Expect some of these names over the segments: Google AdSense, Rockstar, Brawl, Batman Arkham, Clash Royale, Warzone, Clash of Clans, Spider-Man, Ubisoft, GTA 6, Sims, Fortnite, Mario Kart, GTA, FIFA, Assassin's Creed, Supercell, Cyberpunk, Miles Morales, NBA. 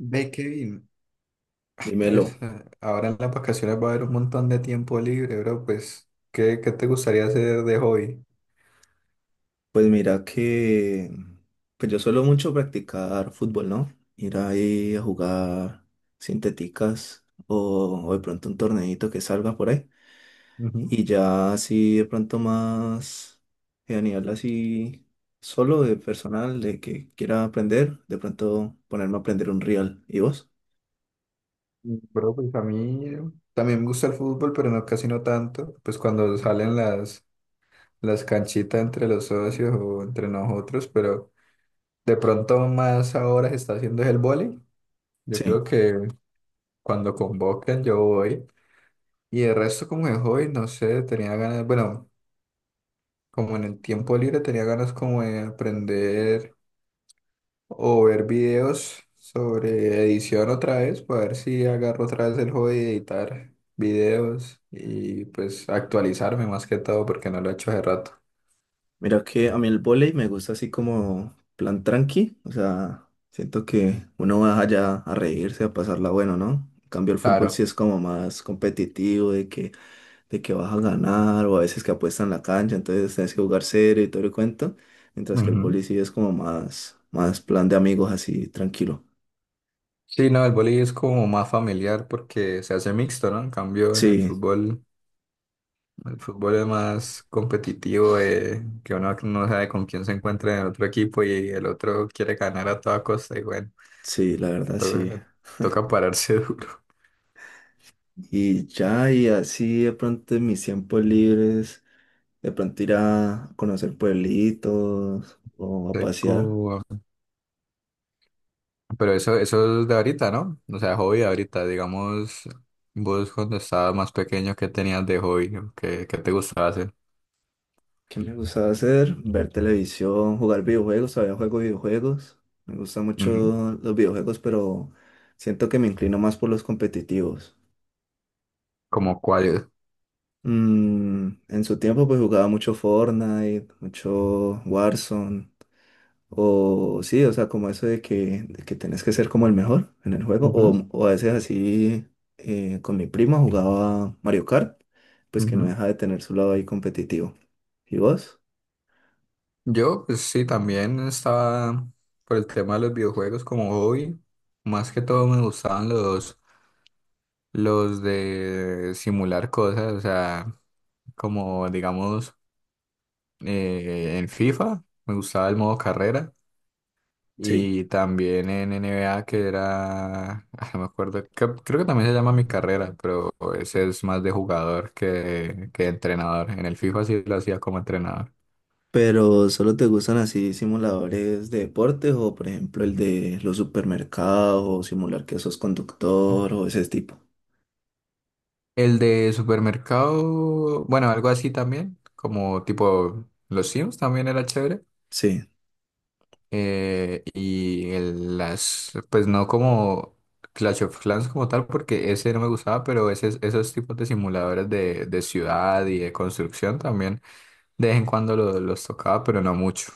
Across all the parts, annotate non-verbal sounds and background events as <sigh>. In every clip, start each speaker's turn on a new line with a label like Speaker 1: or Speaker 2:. Speaker 1: Ve que bien.
Speaker 2: Dímelo.
Speaker 1: Ahora en las vacaciones va a haber un montón de tiempo libre, bro. Pues, ¿qué te gustaría hacer de hobby?
Speaker 2: Pues mira que pues yo suelo mucho practicar fútbol, ¿no? Ir ahí a jugar sintéticas o de pronto un torneito que salga por ahí.
Speaker 1: Ujú.
Speaker 2: Y ya así de pronto más a nivel así solo de personal, de que quiera aprender, de pronto ponerme a aprender un real. ¿Y vos?
Speaker 1: Bro, pues a mí también me gusta el fútbol, pero no casi no tanto. Pues cuando salen las canchitas entre los socios o entre nosotros, pero de pronto más ahora se está haciendo es el vóley. Yo
Speaker 2: Sí.
Speaker 1: creo que cuando convoquen yo voy. Y el resto como de hobby, no sé, tenía ganas, bueno, como en el tiempo libre tenía ganas como de aprender o ver videos sobre edición otra vez, para ver si agarro otra vez el hobby de editar videos y pues actualizarme más que todo porque no lo he hecho hace rato.
Speaker 2: Mira que a mí el vóley me gusta así como plan tranqui, o sea, siento que uno va allá a reírse, a pasarla bueno, ¿no? En cambio el fútbol sí
Speaker 1: Claro.
Speaker 2: es como más competitivo, de que vas a ganar, o a veces que apuestan la cancha, entonces tienes que jugar serio y todo el cuento, mientras que el
Speaker 1: Ujú.
Speaker 2: vóley sí es como más, más plan de amigos así, tranquilo.
Speaker 1: Sí, no, el boli es como más familiar porque se hace mixto, ¿no? En cambio, en el
Speaker 2: Sí,
Speaker 1: fútbol. El fútbol es más competitivo, que uno no sabe con quién se encuentra en el otro equipo y el otro quiere ganar a toda costa y bueno,
Speaker 2: sí, la verdad sí.
Speaker 1: to- toca pararse <laughs> duro.
Speaker 2: Y ya, y así de pronto en mis tiempos libres. De pronto ir a conocer pueblitos o a pasear.
Speaker 1: Recu- Pero eso es de ahorita, ¿no? O sea, hobby de ahorita, digamos, vos cuando estabas más pequeño, ¿qué tenías de hobby? ¿Qué te gustaba hacer?
Speaker 2: ¿Qué me gustaba hacer? Ver televisión, jugar videojuegos. Todavía juego videojuegos. Me gustan mucho
Speaker 1: Ujú.
Speaker 2: los videojuegos, pero siento que me inclino más por los competitivos.
Speaker 1: ¿Como cuál?
Speaker 2: Mm, en su tiempo pues jugaba mucho Fortnite, mucho Warzone. O sí, o sea, como eso de que tenés que ser como el mejor en el juego.
Speaker 1: Ujú,
Speaker 2: O a veces así con mi prima jugaba Mario Kart, pues que no
Speaker 1: ujú.
Speaker 2: deja de tener su lado ahí competitivo. ¿Y vos?
Speaker 1: Yo, pues sí, también estaba por el tema de los videojuegos como hobby. Más que todo me gustaban los de simular cosas, o sea, como digamos en FIFA, me gustaba el modo carrera
Speaker 2: Sí.
Speaker 1: y también en NBA que era, <laughs> ah, no me acuerdo, creo que también se llama mi carrera, pero ese es más de jugador que de entrenador. En el FIFA sí lo hacía como entrenador.
Speaker 2: Pero solo te gustan así simuladores de deportes o por ejemplo el de los supermercados o simular que sos conductor o ese tipo.
Speaker 1: El de supermercado, bueno, algo así también, como tipo los Sims también era chévere.
Speaker 2: Sí.
Speaker 1: Pues no como Clash of Clans como tal, porque ese no me gustaba, pero ese, esos tipos de simuladores de ciudad y de construcción también, de vez en cuando los tocaba, pero no mucho.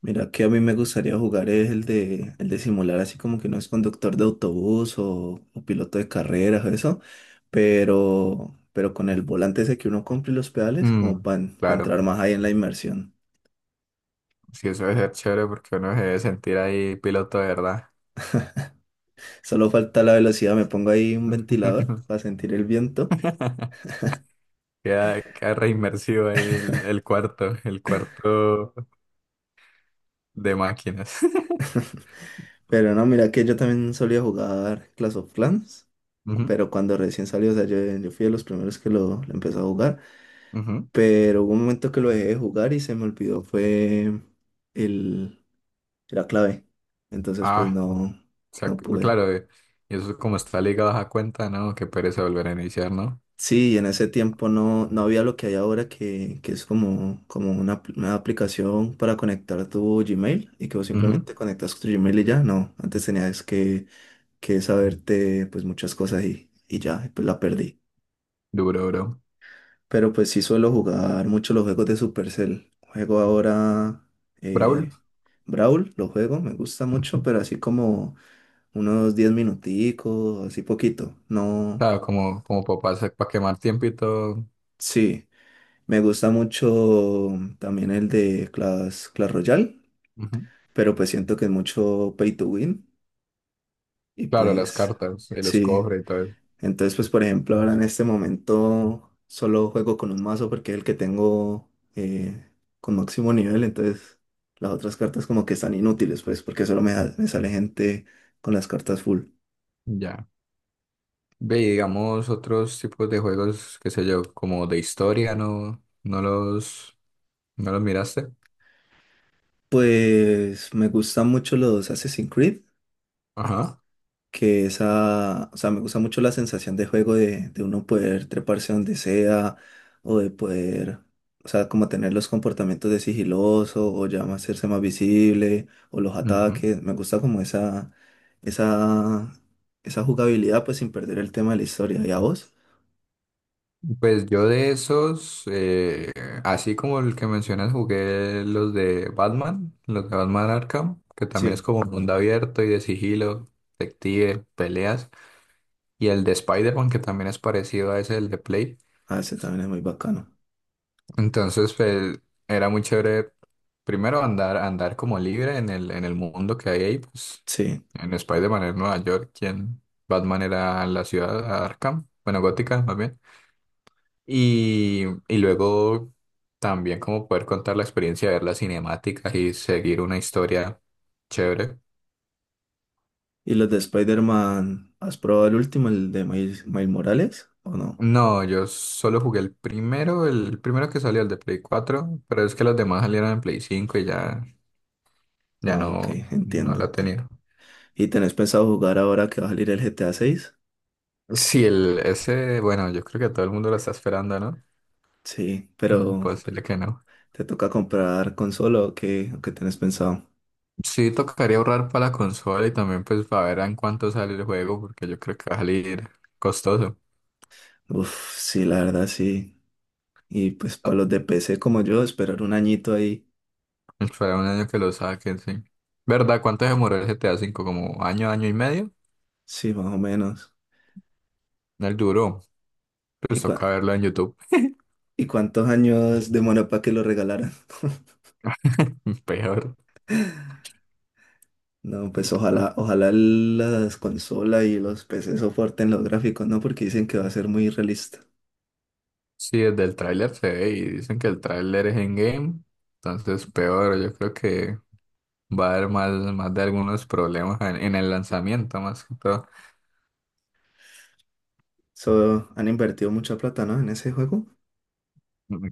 Speaker 2: Mira, que a mí me gustaría jugar es el de simular así como que no es conductor de autobús o piloto de carreras o eso, pero con el volante ese que uno compra y los pedales como
Speaker 1: Mm,
Speaker 2: para
Speaker 1: claro,
Speaker 2: entrar más ahí en la inmersión.
Speaker 1: sí, eso debe ser chévere porque uno se debe sentir ahí piloto de verdad.
Speaker 2: Solo falta la velocidad, me pongo ahí un ventilador para sentir el viento,
Speaker 1: <laughs> Queda re inmersivo ahí el cuarto de máquinas. <laughs>
Speaker 2: pero no, mira que yo también solía jugar Clash of Clans,
Speaker 1: Ujú,
Speaker 2: pero cuando recién salió, o sea, yo fui de los primeros que lo empezó a jugar,
Speaker 1: ujú.
Speaker 2: pero hubo un momento que lo dejé de jugar y se me olvidó, fue el... era clave. Entonces, pues
Speaker 1: Ah,
Speaker 2: no, no
Speaker 1: Pues,
Speaker 2: pude.
Speaker 1: claro, y eso es como está ligado a esa cuenta, ¿no? Que pereza volver a iniciar, ¿no?
Speaker 2: Sí, y en ese tiempo no había lo que hay ahora, que es como, como una, una aplicación para conectar tu Gmail y que vos
Speaker 1: Ujú.
Speaker 2: simplemente conectas tu Gmail y ya. No, antes tenías que saberte pues muchas cosas y ya, y pues la perdí.
Speaker 1: Duro, duro.
Speaker 2: Pero pues sí suelo jugar mucho los juegos de Supercell. Juego ahora
Speaker 1: Brawl.
Speaker 2: eh, Brawl, lo juego, me gusta mucho, pero
Speaker 1: <laughs>
Speaker 2: así como unos 10 minuticos, así poquito. No.
Speaker 1: Claro, como, como papá para quemar tiempo y todo.
Speaker 2: Sí, me gusta mucho también el de Clash, Clash Royale,
Speaker 1: Ujú.
Speaker 2: pero pues siento que es mucho pay to win y
Speaker 1: Claro, las
Speaker 2: pues
Speaker 1: cartas, y los
Speaker 2: sí.
Speaker 1: cofres y todo eso.
Speaker 2: Entonces pues por ejemplo ahora en este momento solo juego con un mazo porque es el que tengo eh, con máximo nivel, entonces las otras cartas como que están inútiles pues porque solo me sale gente con las cartas full.
Speaker 1: Ya. Ve, y digamos, otros tipos de juegos, qué sé yo, como de historia, ¿no? ¿No no los miraste?
Speaker 2: Pues me gustan mucho los Assassin's Creed
Speaker 1: Ajá.
Speaker 2: que esa, o sea, me gusta mucho la sensación de juego de uno poder treparse donde sea o de poder, o sea, como tener los comportamientos de sigiloso o ya más hacerse más visible o los ataques, me gusta como esa, esa jugabilidad pues sin perder el tema de la historia. ¿Y a vos?
Speaker 1: Pues yo de esos, así como el que mencionas, jugué los de Batman Arkham, que también
Speaker 2: Sí,
Speaker 1: es como mundo abierto y de sigilo, detective, peleas, y el de Spider-Man, que también es parecido a ese, el de Play.
Speaker 2: a ese también es muy bacano.
Speaker 1: Entonces, pues, era muy chévere, primero andar como libre en en el mundo que hay ahí, pues,
Speaker 2: Sí.
Speaker 1: en Spider-Man era Nueva York, y en Batman era la ciudad Arkham, bueno, Gótica, más bien. Y luego también como poder contar la experiencia de ver las cinemáticas y seguir una historia chévere.
Speaker 2: ¿Y los de Spider-Man, has probado el último, el de Miles, Miles Morales o no?
Speaker 1: No, yo solo jugué el primero que salió, el de Play 4, pero es que los demás salieron en Play 5 y ya, ya
Speaker 2: Ah, ok,
Speaker 1: no, no
Speaker 2: entiendo,
Speaker 1: la
Speaker 2: entiendo.
Speaker 1: tenía.
Speaker 2: ¿Y tenés pensado jugar ahora que va a salir el GTA 6?
Speaker 1: Sí, el, ese, bueno, yo creo que todo el mundo lo está esperando, ¿no?
Speaker 2: Sí, pero
Speaker 1: Imposible que no.
Speaker 2: ¿te toca comprar consola o qué tenés pensado?
Speaker 1: Sí, tocaría ahorrar para la consola y también pues para ver en cuánto sale el juego, porque yo creo que va a salir costoso.
Speaker 2: Uf, sí, la verdad sí. Y pues para los de PC como yo, esperar un añito ahí.
Speaker 1: Esperar un año que lo saquen, sí. ¿Verdad? ¿Cuánto se demoró el GTA 5? ¿Como año, año y medio?
Speaker 2: Sí, más o menos.
Speaker 1: Él duró.
Speaker 2: ¿Y,
Speaker 1: Pues toca verlo en YouTube.
Speaker 2: y cuántos años demora para que lo regalaran? <laughs>
Speaker 1: <laughs> Peor.
Speaker 2: No, pues ojalá, ojalá las consolas y los PC soporten los gráficos, ¿no? Porque dicen que va a ser muy realista.
Speaker 1: Sí, desde el tráiler se ve y dicen que el tráiler es en game. Entonces, peor. Yo creo que va a haber más de algunos problemas en el lanzamiento, más que todo.
Speaker 2: So, han invertido mucha plata, ¿no? En ese juego.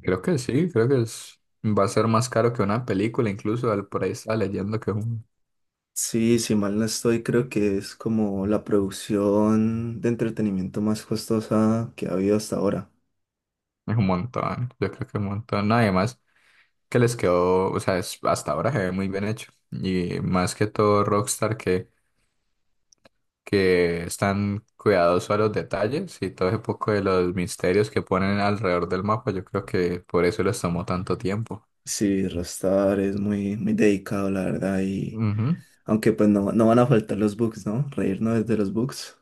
Speaker 1: Creo que sí, creo que es, va a ser más caro que una película. Incluso por ahí está leyendo que
Speaker 2: Sí, si mal no estoy, creo que es como la producción de entretenimiento más costosa que ha habido hasta ahora.
Speaker 1: es un montón. Yo creo que es un montón. Nada más. Que les quedó, o sea, hasta ahora se ve muy bien hecho. Y más que todo Rockstar que están cuidadosos a los detalles y todo ese poco de los misterios que ponen alrededor del mapa, yo creo que por eso les tomó tanto tiempo.
Speaker 2: Sí, Rostar es muy, muy dedicado, la verdad, y
Speaker 1: Ujú,
Speaker 2: aunque pues no, no van a faltar los bugs, ¿no? Reírnos desde los bugs.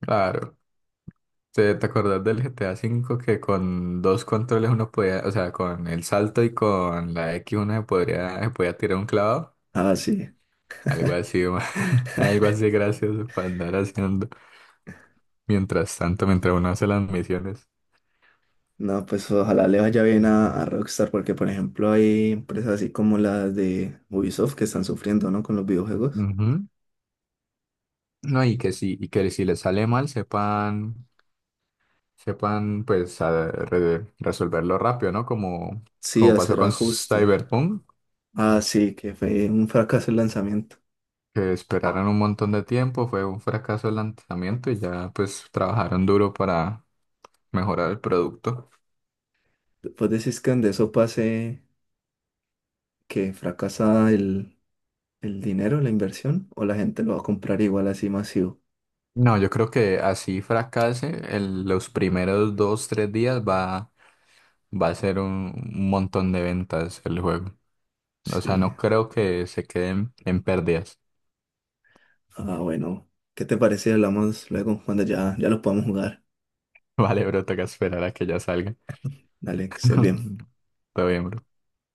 Speaker 1: claro. ¿Te acordás del GTA 5 que con dos controles uno podía, o sea, con el salto y con la X uno se podría, se podía tirar un clavado?
Speaker 2: Ah, sí.
Speaker 1: Algo así, <laughs> algo así gracioso para andar haciendo mientras tanto, mientras uno hace las misiones.
Speaker 2: No, pues ojalá le vaya bien a Rockstar, porque por ejemplo hay empresas así como las de Ubisoft que están sufriendo, ¿no? Con los videojuegos.
Speaker 1: Ujú. No, y que sí, y que si les sale mal, sepan, sepan pues resolverlo rápido, ¿no? Como,
Speaker 2: Sí,
Speaker 1: como pasó
Speaker 2: hacer
Speaker 1: con
Speaker 2: ajustes.
Speaker 1: Cyberpunk,
Speaker 2: Ah, sí, que fue un fracaso el lanzamiento.
Speaker 1: que esperaron un montón de tiempo, fue un fracaso el lanzamiento y ya pues trabajaron duro para mejorar el producto.
Speaker 2: Después decís que donde eso pase que fracasa el dinero, la inversión, o la gente lo va a comprar igual así masivo.
Speaker 1: No, yo creo que así fracase, los primeros dos, tres días va a ser un montón de ventas el juego. O sea,
Speaker 2: Sí.
Speaker 1: no creo que se queden en pérdidas.
Speaker 2: Ah, bueno. ¿Qué te parece si hablamos luego cuando ya, ya lo podamos jugar?
Speaker 1: <laughs> Vale, bro, toca esperar a que ya salga.
Speaker 2: Dale, que estés bien.
Speaker 1: <laughs> Está bien, bro.